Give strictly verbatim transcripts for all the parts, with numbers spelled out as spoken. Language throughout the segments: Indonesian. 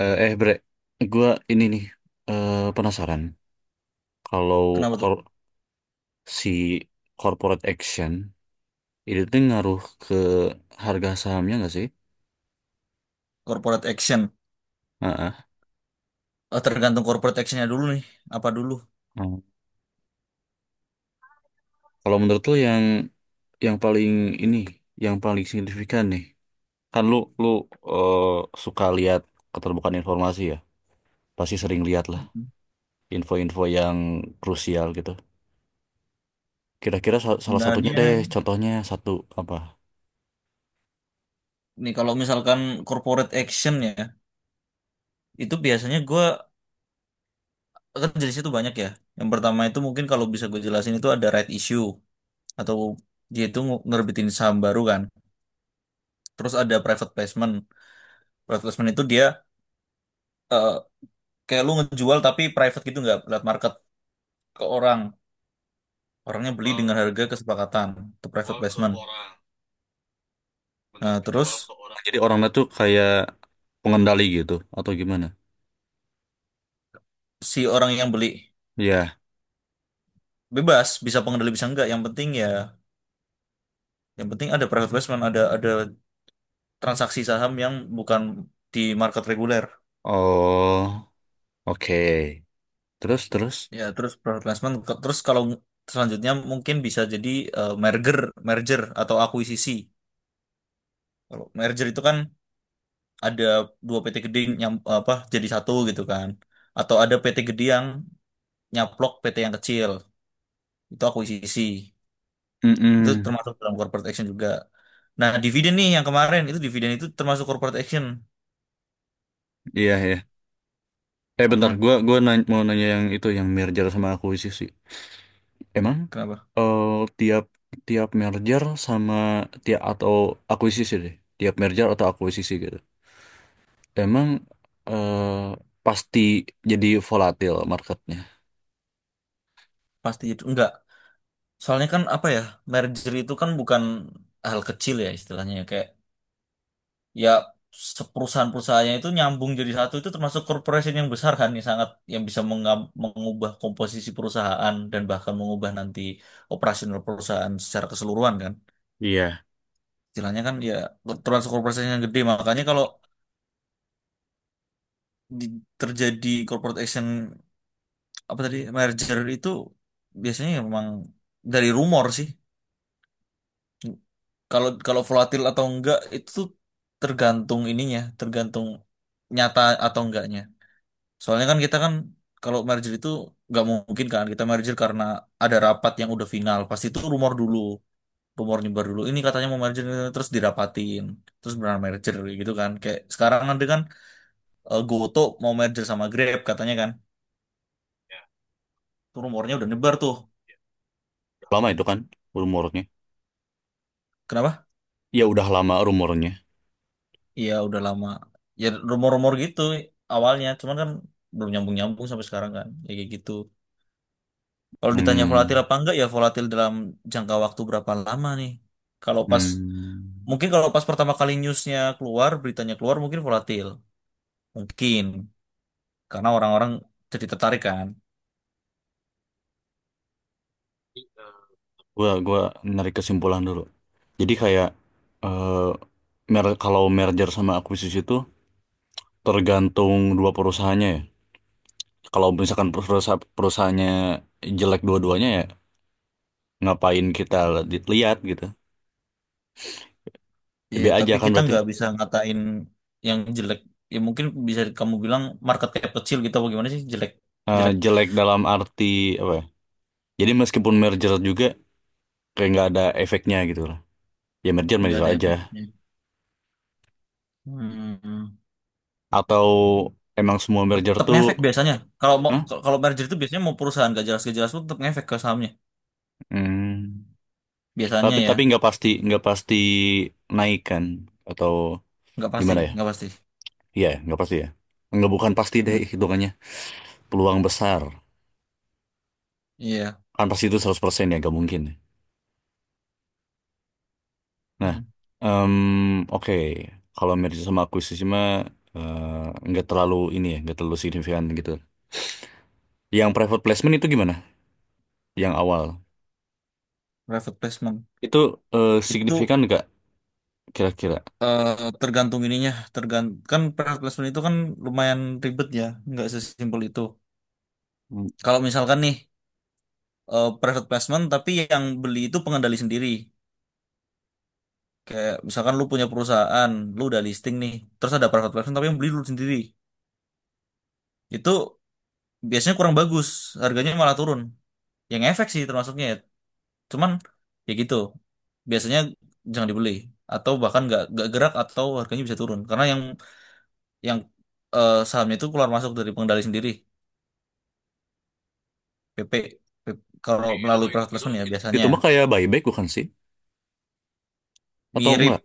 Eh, eh, Bre, gue ini nih eh, penasaran kalau Kenapa tuh? kor- si corporate action itu tuh ngaruh ke harga sahamnya nggak sih? Corporate action. Heeh. Oh, tergantung corporate actionnya dulu nih. Apa dulu? Hmm. Kalau menurut lo yang yang paling ini, yang paling signifikan nih, kan lu lu eh, suka lihat keterbukaan informasi ya, pasti sering lihat lah Mm. info-info yang krusial gitu. Kira-kira sa- salah satunya Sebenarnya deh, contohnya satu apa? nih kalau misalkan corporate action ya, itu biasanya gue kan jenisnya tuh banyak ya. Yang pertama itu mungkin kalau bisa gue jelasin itu ada right issue, atau dia itu nge- ngerbitin saham baru kan. Terus ada private placement. Private placement itu dia eh, kayak lu ngejual tapi private gitu, nggak lewat market, ke orang. Orangnya beli dengan Jual, harga kesepakatan. Itu private jual ke placement. orang. Benar Nah, terus menjual ke orang. Jadi orangnya tuh kayak pengendali gitu atau gimana? si orang yang beli Ya. bebas, bisa pengendali bisa enggak. Yang penting ya, yang penting ada private placement, ada ada transaksi saham yang bukan di market reguler. Oh, oke. Terus terus. Ya terus private placement ke- terus kalau selanjutnya mungkin bisa jadi eh, merger merger atau akuisisi. Kalau merger itu kan ada dua P T gede yang apa, jadi satu gitu kan, atau ada P T gede yang nyaplok P T yang kecil, itu akuisisi. Itu Mm-mm. termasuk dalam corporate action juga. Nah, dividen nih yang kemarin itu, dividen itu termasuk corporate action. Iya ya. Eh bentar, Mm-mm. gua gua nanya, mau nanya yang itu yang merger sama akuisisi. Emang Kenapa? eh tiap tiap merger sama tiap atau akuisisi deh. Tiap merger atau akuisisi gitu. Emang eh pasti jadi volatil marketnya. Pasti itu enggak. Soalnya kan apa ya, merger itu kan bukan hal kecil ya istilahnya ya. Kayak ya, se- perusahaan-perusahaannya itu nyambung jadi satu, itu termasuk corporation yang besar kan, yang sangat, yang bisa menga- mengubah komposisi perusahaan dan bahkan mengubah nanti operasional perusahaan secara keseluruhan kan. Iya. Istilahnya kan ya, termasuk corporation yang gede. Makanya kalau di- terjadi corporate action apa tadi, merger itu, biasanya ya memang dari rumor sih. Kalau kalau volatil atau enggak itu tuh tergantung ininya, tergantung nyata atau enggaknya. Soalnya kan kita kan, kalau merger itu nggak mungkin kan kita merger karena ada rapat yang udah final. Pasti itu rumor dulu, rumor nyebar dulu. Ini katanya mau merger terus dirapatin, terus benar merger kayak gitu kan. Kayak sekarang kan dia kan eh, GoTo mau merger sama Grab katanya kan. Tuh rumornya udah nyebar tuh. Lama itu kan rumornya. Kenapa? Ya udah lama rumornya. Iya udah lama. Ya rumor-rumor gitu awalnya, cuman kan belum nyambung-nyambung sampai sekarang kan. Ya kayak gitu. Kalau ditanya volatil Hmm, apa enggak, ya volatil dalam jangka waktu berapa lama nih. Kalau pas, hmm. mungkin kalau pas pertama kali newsnya keluar, beritanya keluar, mungkin volatil mungkin, karena orang-orang jadi tertarik kan. Gua gua narik kesimpulan dulu. Jadi kayak eh mer kalau merger sama akuisisi itu tergantung dua perusahaannya ya. Kalau misalkan perusahaan perusahaannya jelek dua-duanya, ya ngapain kita li- lihat gitu. Iya Lebih aja tapi kan kita berarti nggak bisa ngatain yang jelek. Ya mungkin bisa kamu bilang market cap kecil gitu apa gimana sih jelek, eh, jelek jelek dalam arti apa ya? Jadi meskipun merger juga kayak nggak ada efeknya gitu lah. Ya merger nggak merger ada aja. efeknya. Hmm. Atau emang semua merger Tetap tuh? ngefek biasanya. Kalau mau, Hah? kalau merger itu biasanya mau perusahaan gak jelas-gak jelas pun tetap ngefek ke sahamnya. Hmm. Biasanya Tapi ya tapi nggak pasti nggak pasti naikkan atau nggak pasti, gimana ya? nggak pasti. Iya, nggak pasti ya. Nggak, bukan pasti deh Hmm. hitungannya. Peluang besar. Iya. Kan pasti itu seratus persen ya, nggak mungkin. Ya. Nah, Hmm. em, oke. Kalau merger sama akuisisi mah eh, nggak terlalu ini ya, nggak terlalu signifikan gitu. Yang private placement itu gimana? Yang awal. Private placement Itu eh, itu signifikan nggak kira-kira? eh, tergantung ininya, tergantung, kan private placement itu kan lumayan ribet ya, nggak sesimpel itu. Hmm. Kalau misalkan nih eh, private placement tapi yang beli itu pengendali sendiri. Kayak misalkan lu punya perusahaan, lu udah listing nih, terus ada private placement tapi yang beli lu sendiri. Itu biasanya kurang bagus, harganya malah turun. Yang efek sih termasuknya ya. Cuman ya gitu. Biasanya jangan dibeli, atau bahkan nggak nggak gerak, atau harganya bisa turun karena yang yang eh, sahamnya itu keluar masuk dari pengendali sendiri. P P, P- P P, kalau Itu mah melalui itu, private itu, placement ya itu, itu biasanya mah kayak buyback bukan sih? Atau mirip, enggak?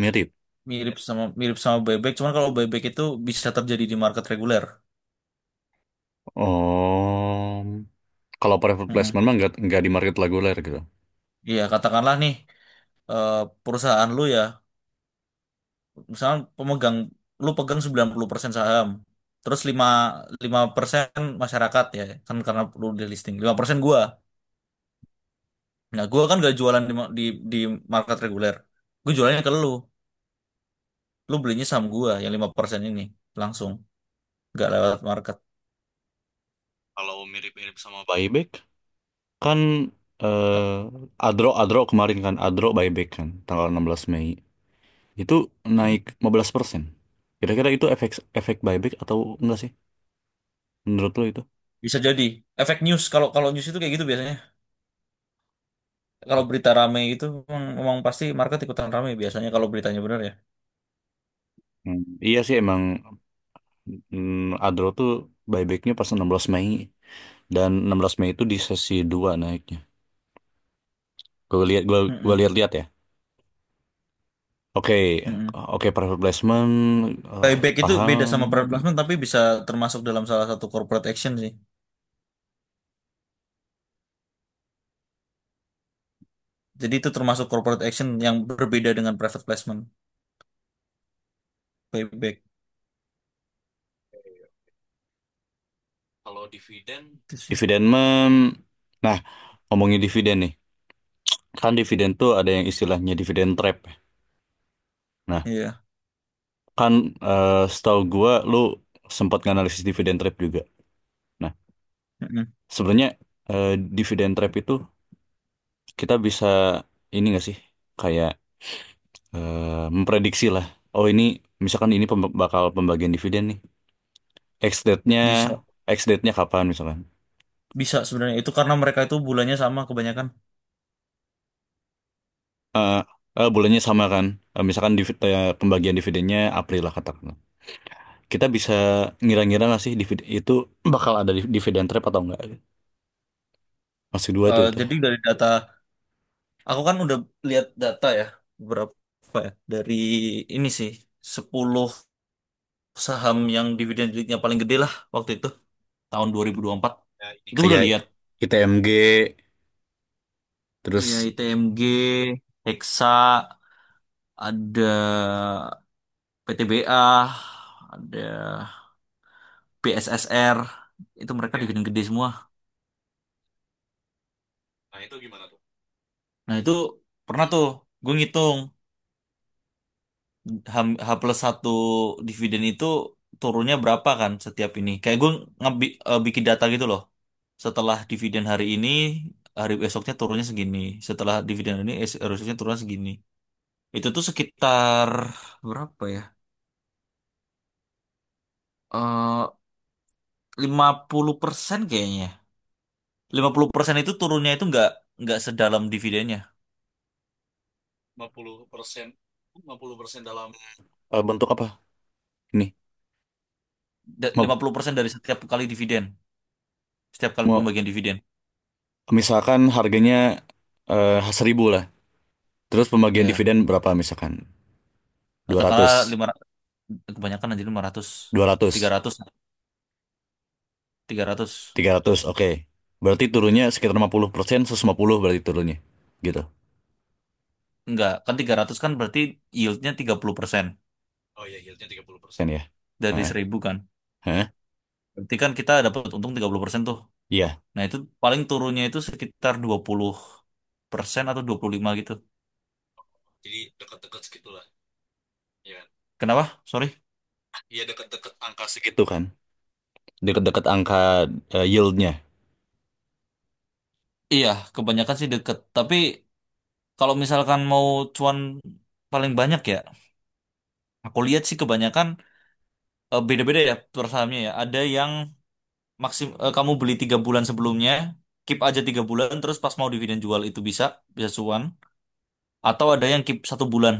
Mirip. mirip sama mirip sama buyback. Cuman kalau buyback itu bisa terjadi di market reguler. Oh, kalau private Mm-mm. placement mah nggak nggak di market reguler gitu. Iya katakanlah nih eh, perusahaan lu ya, misalnya pemegang, lu pegang sembilan puluh persen saham, terus lima lima persen, masyarakat ya kan karena lu di listing. Lima persen gua, nah gua kan gak jualan di ma- di, di market reguler. Gua jualannya ke lu lu belinya saham gua yang lima persen ini langsung, nggak lewat market. Kalau mirip-mirip sama buyback kan eh, Adro Adro kemarin kan Adro buyback kan tanggal enam belas Mei itu naik lima belas persen. Kira-kira itu efek efek buyback atau enggak sih menurut lo itu? Bisa jadi efek news. Kalau kalau news itu kayak gitu, biasanya kalau berita rame itu emang, emang pasti market ikutan rame biasanya kalau beritanya benar ya. Hmm. Iya sih emang mm, Adro tuh buybacknya pas enam belas Mei, dan enam belas Mei itu di sesi dua naiknya. Gue lihat, gua gua Mm-mm, lihat-lihat ya. Oke, mm-mm. oke, private placement eh, Buyback itu paham. beda sama private placement tapi bisa termasuk dalam salah satu corporate action sih. Jadi itu termasuk corporate action yang berbeda dengan private placement. Buyback Kalau dividen, itu sih dividen men nah, ngomongin dividen nih, kan dividen tuh ada yang istilahnya dividen trap ya. Nah, iya. kan eh, setahu gua lu sempat nganalisis dividen trap juga. Nah, Mm-mm. sebenarnya eh, dividen trap itu kita bisa ini nggak sih, kayak eh, memprediksi lah, oh ini, misalkan ini pembe- bakal pembagian dividen nih. Ex date-nya, Bisa, ex date-nya kapan misalkan? bisa. Sebenarnya itu karena mereka itu bulannya sama kebanyakan. eh eh, bulannya sama kan. Eh, misalkan divid, eh, pembagian dividennya April lah katakanlah. Kita bisa ngira-ngira nggak sih dividen itu bakal ada div- dividen trap atau enggak? Masih dua tuh Eh, itu. jadi dari data, aku kan udah lihat data ya, berapa ya? Dari ini sih, sepuluh saham yang dividen yieldnya paling gede lah waktu itu, tahun dua dua ribu dua puluh empat. Ya, ini Itu gue udah kayak lihat. I T M G Iya, terus. I T M G, Hexa, ada P T B A, ada B S S R, itu mereka dividen gede semua. Nah itu pernah tuh gue ngitung, H, H plus satu, dividen itu turunnya berapa kan setiap ini? Kayak gue ngebi, eh, bikin data gitu loh. Setelah Ya, dividen hari ini, hari esoknya turunnya segini. Setelah dividen hari ini, es- hari esoknya turunnya segini. Itu tuh sekitar berapa ya? Eh lima puluh persen kayaknya. Lima puluh persen itu turunnya itu nggak nggak sedalam dividennya. lima puluh persen, lima puluh persen dalam eh, bentuk apa? Ini Da- lima mau, puluh persen dari setiap kali dividen, setiap kali mau pembagian dividen. misalkan harganya eh seribu lah. Terus pembagian Ya, dividen berapa misalkan? dua katakanlah ratus lima ratus, kebanyakan anjir lima ratus, dua tiga ratus ratus. Tiga ratus. Tiga ratus, oke. Berarti turunnya sekitar lima puluh persen, seratus lima puluh berarti turunnya. Gitu. Enggak, kan tiga ratus kan berarti yieldnya tiga puluh persen Oh iya, yieldnya tiga puluh persen ya. dari Heeh. seribu kan. Heeh. Berarti kan kita dapat untung tiga puluh persen tuh. Iya. Nah itu paling turunnya itu sekitar dua puluh persen atau dua puluh lima gitu. Jadi dekat-dekat segitulah. Ya, kan? Kenapa? Sorry. Iya, dekat-dekat angka segitu kan. Dekat-dekat angka eh, yieldnya. Iya, kebanyakan sih deket. Tapi kalau misalkan mau cuan paling banyak ya, aku lihat sih kebanyakan eh, beda-beda ya per sahamnya ya. Ada yang maksim eh, kamu beli tiga bulan sebelumnya, keep aja tiga bulan, terus pas mau dividen jual itu bisa, bisa cuan. Atau ada yang keep satu bulan.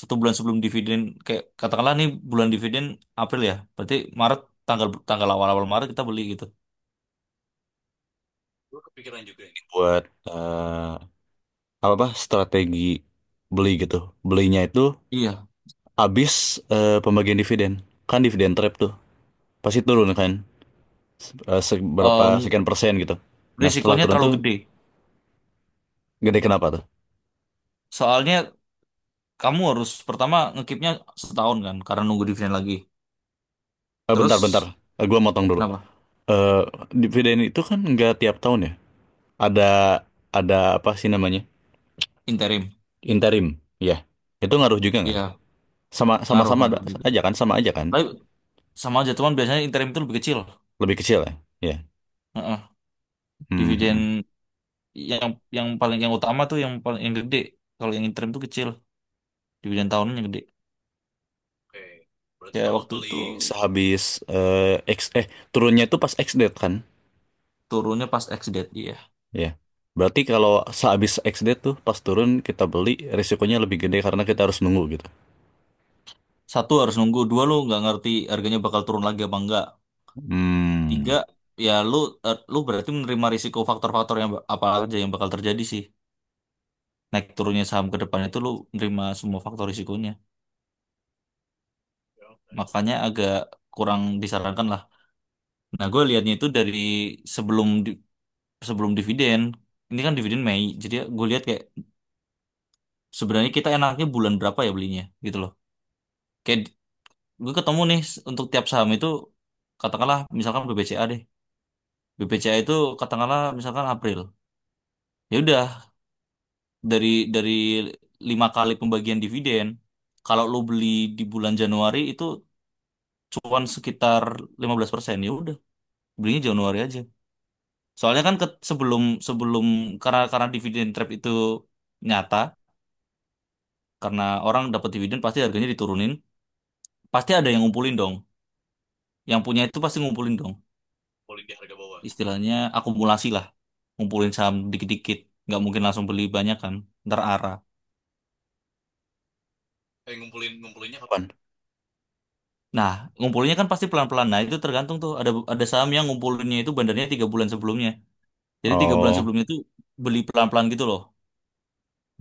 Satu bulan sebelum dividen. Kayak katakanlah nih bulan dividen April ya. Berarti Maret, tanggal tanggal awal-awal Maret kita beli gitu. Gue kepikiran juga ini buat eh, apa apa strategi beli gitu. Belinya itu Iya. abis eh, pembagian dividen. Kan dividen trap tuh. Pasti turun kan. Se- eh, Seberapa Em, sekian persen gitu. Nah, setelah risikonya turun terlalu tuh gede. gede, kenapa tuh? Soalnya kamu harus pertama ngekipnya setahun kan karena nunggu dividen lagi. Eh, bentar, bentar. Terus Eh, gua motong dulu. kenapa? Eh, dividen itu kan nggak tiap tahun ya. Ada ada apa sih namanya? Interim. Interim. Ya. Itu ngaruh juga nggak? Iya, Sama sama ngaruh Sama ngaruh ada- juga. aja kan? Sama aja kan? Tapi sama aja, cuman biasanya interim itu lebih kecil. Lebih kecil ya. Ya. Heeh. Hmm, hmm. Dividen yang yang paling, yang utama tuh yang paling, yang gede. Kalau yang interim tuh kecil, dividen tahunan yang gede. Oke. Berarti Kayak kalau waktu itu beli sehabis eh, X eh turunnya itu pas X date kan? turunnya pas ex-date ya. Ya. Berarti kalau sehabis X date tuh pas turun kita beli, risikonya lebih gede karena kita harus nunggu gitu. Satu, harus nunggu. Dua, lu nggak ngerti harganya bakal turun lagi apa enggak. Tiga, Hmm. ya lu eh, lu berarti menerima risiko, faktor-faktor yang ba- apa aja yang bakal terjadi sih. Naik turunnya saham ke depan itu lu menerima semua faktor risikonya. Makanya agak kurang disarankan lah. Nah, gue liatnya itu dari sebelum di- sebelum dividen. Ini kan dividen Mei. Jadi gue lihat kayak sebenarnya kita enaknya bulan berapa ya belinya gitu loh. Kayak gue ketemu nih s- untuk tiap saham itu, katakanlah misalkan B B C A deh. B B C A itu katakanlah misalkan April. Ya udah, dari dari lima kali pembagian dividen, kalau lo beli di bulan Januari itu cuan sekitar lima belas persen. Ya udah, belinya Januari aja. Soalnya kan ke- sebelum sebelum, karena karena dividen trap itu nyata, karena orang dapat dividen pasti harganya diturunin, pasti ada yang ngumpulin dong. Yang punya itu pasti ngumpulin dong. Ngumpulin di harga bawah. Istilahnya akumulasi lah, ngumpulin saham dikit-dikit. Nggak mungkin langsung beli banyak kan, ntar arah. Eh, ngumpulin, ngumpulinnya kapan? Nah, ngumpulinnya kan pasti pelan-pelan. Nah itu tergantung tuh, ada ada saham yang ngumpulinnya itu bandarnya tiga bulan sebelumnya. Jadi Kapan? tiga bulan Oh. sebelumnya itu beli pelan-pelan gitu loh.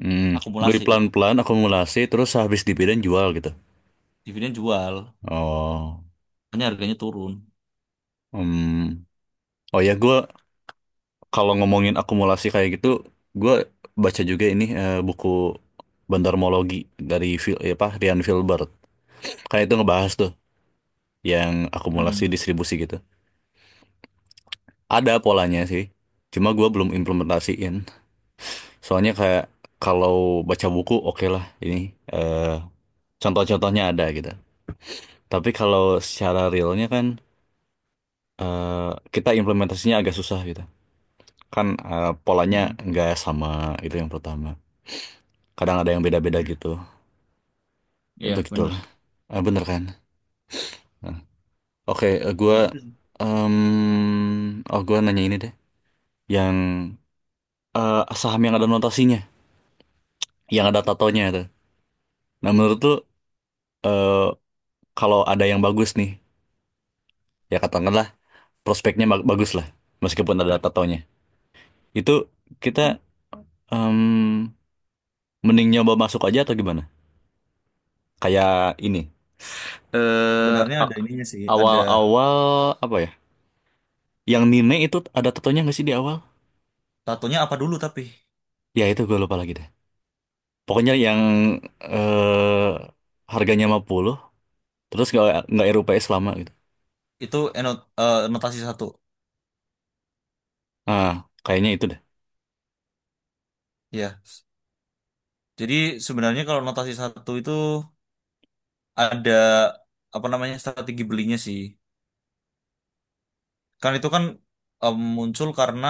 Hmm, beli Akumulasi, pelan-pelan, akumulasi, terus habis dibidan jual gitu. dividen jual, Oh, makanya harganya turun. hmm. Oh ya, gue kalau ngomongin akumulasi kayak gitu, gue baca juga ini eh, buku Bandarmologi dari Phil, eh, apa, Ryan Filbert. Kayak itu ngebahas tuh yang akumulasi Mm-mm. distribusi gitu. Ada polanya sih, cuma gue belum implementasiin. Soalnya kayak kalau baca buku oke lah ini eh, contoh-contohnya ada gitu. Tapi kalau secara realnya kan eh, kita implementasinya agak susah gitu. Kan, eh, polanya Mm-mm. nggak sama itu yang pertama. Kadang ada yang beda-beda Iya, gitu. Ya Iya, bener. begitulah. Eh, bener kan? Nah, oke, eh, Ya gua gitu sih. em, oh gua nanya ini deh. Yang eh, saham yang ada notasinya, yang ada tatonya itu. Nah, menurut lu eh, kalau ada yang bagus nih, ya katakanlah prospeknya ba- bagus lah, meskipun ada tatonya. Itu kita em, mending nyoba masuk aja atau gimana? Kayak ini. Eh, Sebenarnya ada ininya sih, ada awal-awal apa ya? Yang Nine itu ada tatonya nggak sih di awal? tatonya apa dulu tapi Ya itu gue lupa lagi deh. Pokoknya yang eh harganya lima puluh, terus nggak nggak R U P S lama gitu. itu enot, eh, notasi satu. Ah, kayaknya itu deh. Ya. Jadi sebenarnya kalau notasi satu itu ada apa namanya strategi belinya sih. Kan itu kan em, muncul karena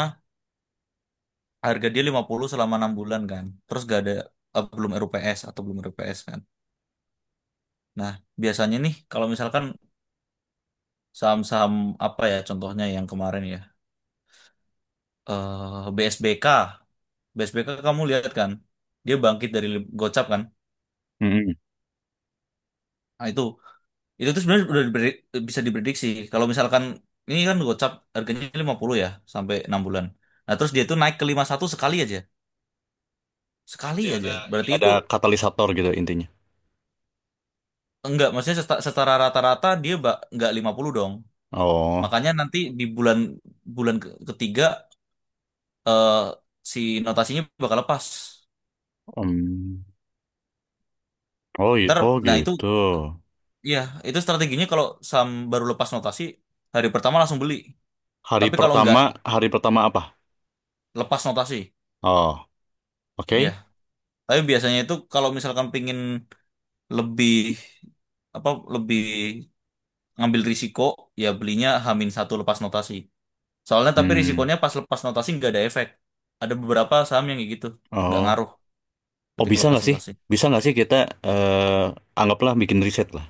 harga dia lima puluh selama enam bulan kan. Terus gak ada eh, belum R U P S atau belum R U P S kan. Nah, biasanya nih kalau misalkan saham-saham apa ya contohnya yang kemarin ya. eh B S B K. B S B K kamu lihat kan. Dia bangkit dari lim- Gocap kan. Mm-mm. Nah, itu itu tuh sebenarnya udah dipre- bisa diprediksi. Kalau misalkan ini kan Gocap, harganya lima puluh ya sampai enam bulan. Nah, terus dia tuh naik ke lima puluh satu sekali aja. Sekali Berarti aja. ada ini, Berarti itu ada katalisator gitu intinya. enggak, maksudnya seta- secara rata-rata dia ba- enggak lima puluh dong. Oh, Makanya nanti di bulan bulan ke- ketiga, eh si notasinya bakal lepas. mm. Oh, i- Ntar, oh nah itu gitu. ya itu strateginya, kalau Sam baru lepas notasi hari pertama langsung beli. Hari Tapi kalau enggak pertama, hari pertama apa? lepas notasi, Oh, ya. oke. Tapi biasanya itu kalau misalkan pingin lebih, apa, lebih ngambil risiko, ya belinya Hamin satu lepas notasi. Soalnya tapi Hmm. risikonya pas lepas notasi nggak ada efek. Ada beberapa saham yang kayak gitu. Nggak Oh, ngaruh oh ketika bisa lepas nggak sih? notasi. Bisa nggak sih kita eh anggaplah bikin riset lah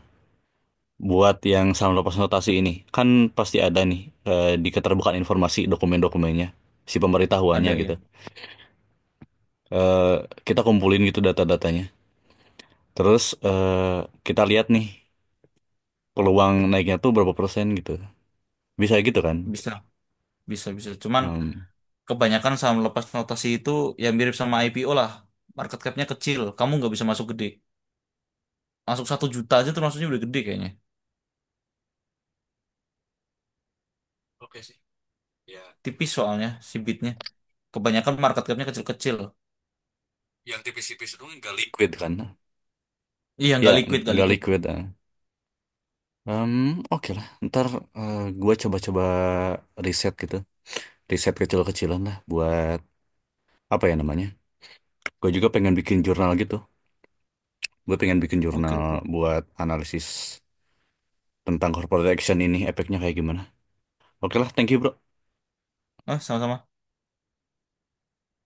buat yang sama lepas notasi ini kan pasti ada nih eh, di keterbukaan informasi dokumen-dokumennya, si pemberitahuannya Ada gitu. ya. Eh, kita kumpulin gitu data-datanya, terus eh, kita lihat nih peluang naiknya tuh berapa persen gitu, bisa gitu kan. Bisa. Bisa, bisa. Cuman Em, kebanyakan saham lepas notasi itu ya mirip sama I P O lah. Market capnya kecil. Kamu nggak bisa masuk gede. Masuk satu juta aja tuh maksudnya udah gede kayaknya. oke sih. Ya, Tipis soalnya si bitnya. Kebanyakan market capnya kecil-kecil. yang tipis-tipis itu nggak liquid kan, Iya ya nggak liquid, nggak nggak liquid. liquid ah. Em, oke lah ntar eh, gua coba-coba riset gitu, riset kecil-kecilan lah buat apa ya namanya, gue juga pengen bikin jurnal gitu. Gue pengen bikin Oke, jurnal oke. buat analisis tentang corporate action ini, efeknya kayak gimana. Oke lah, thank you bro. Oh, sama-sama.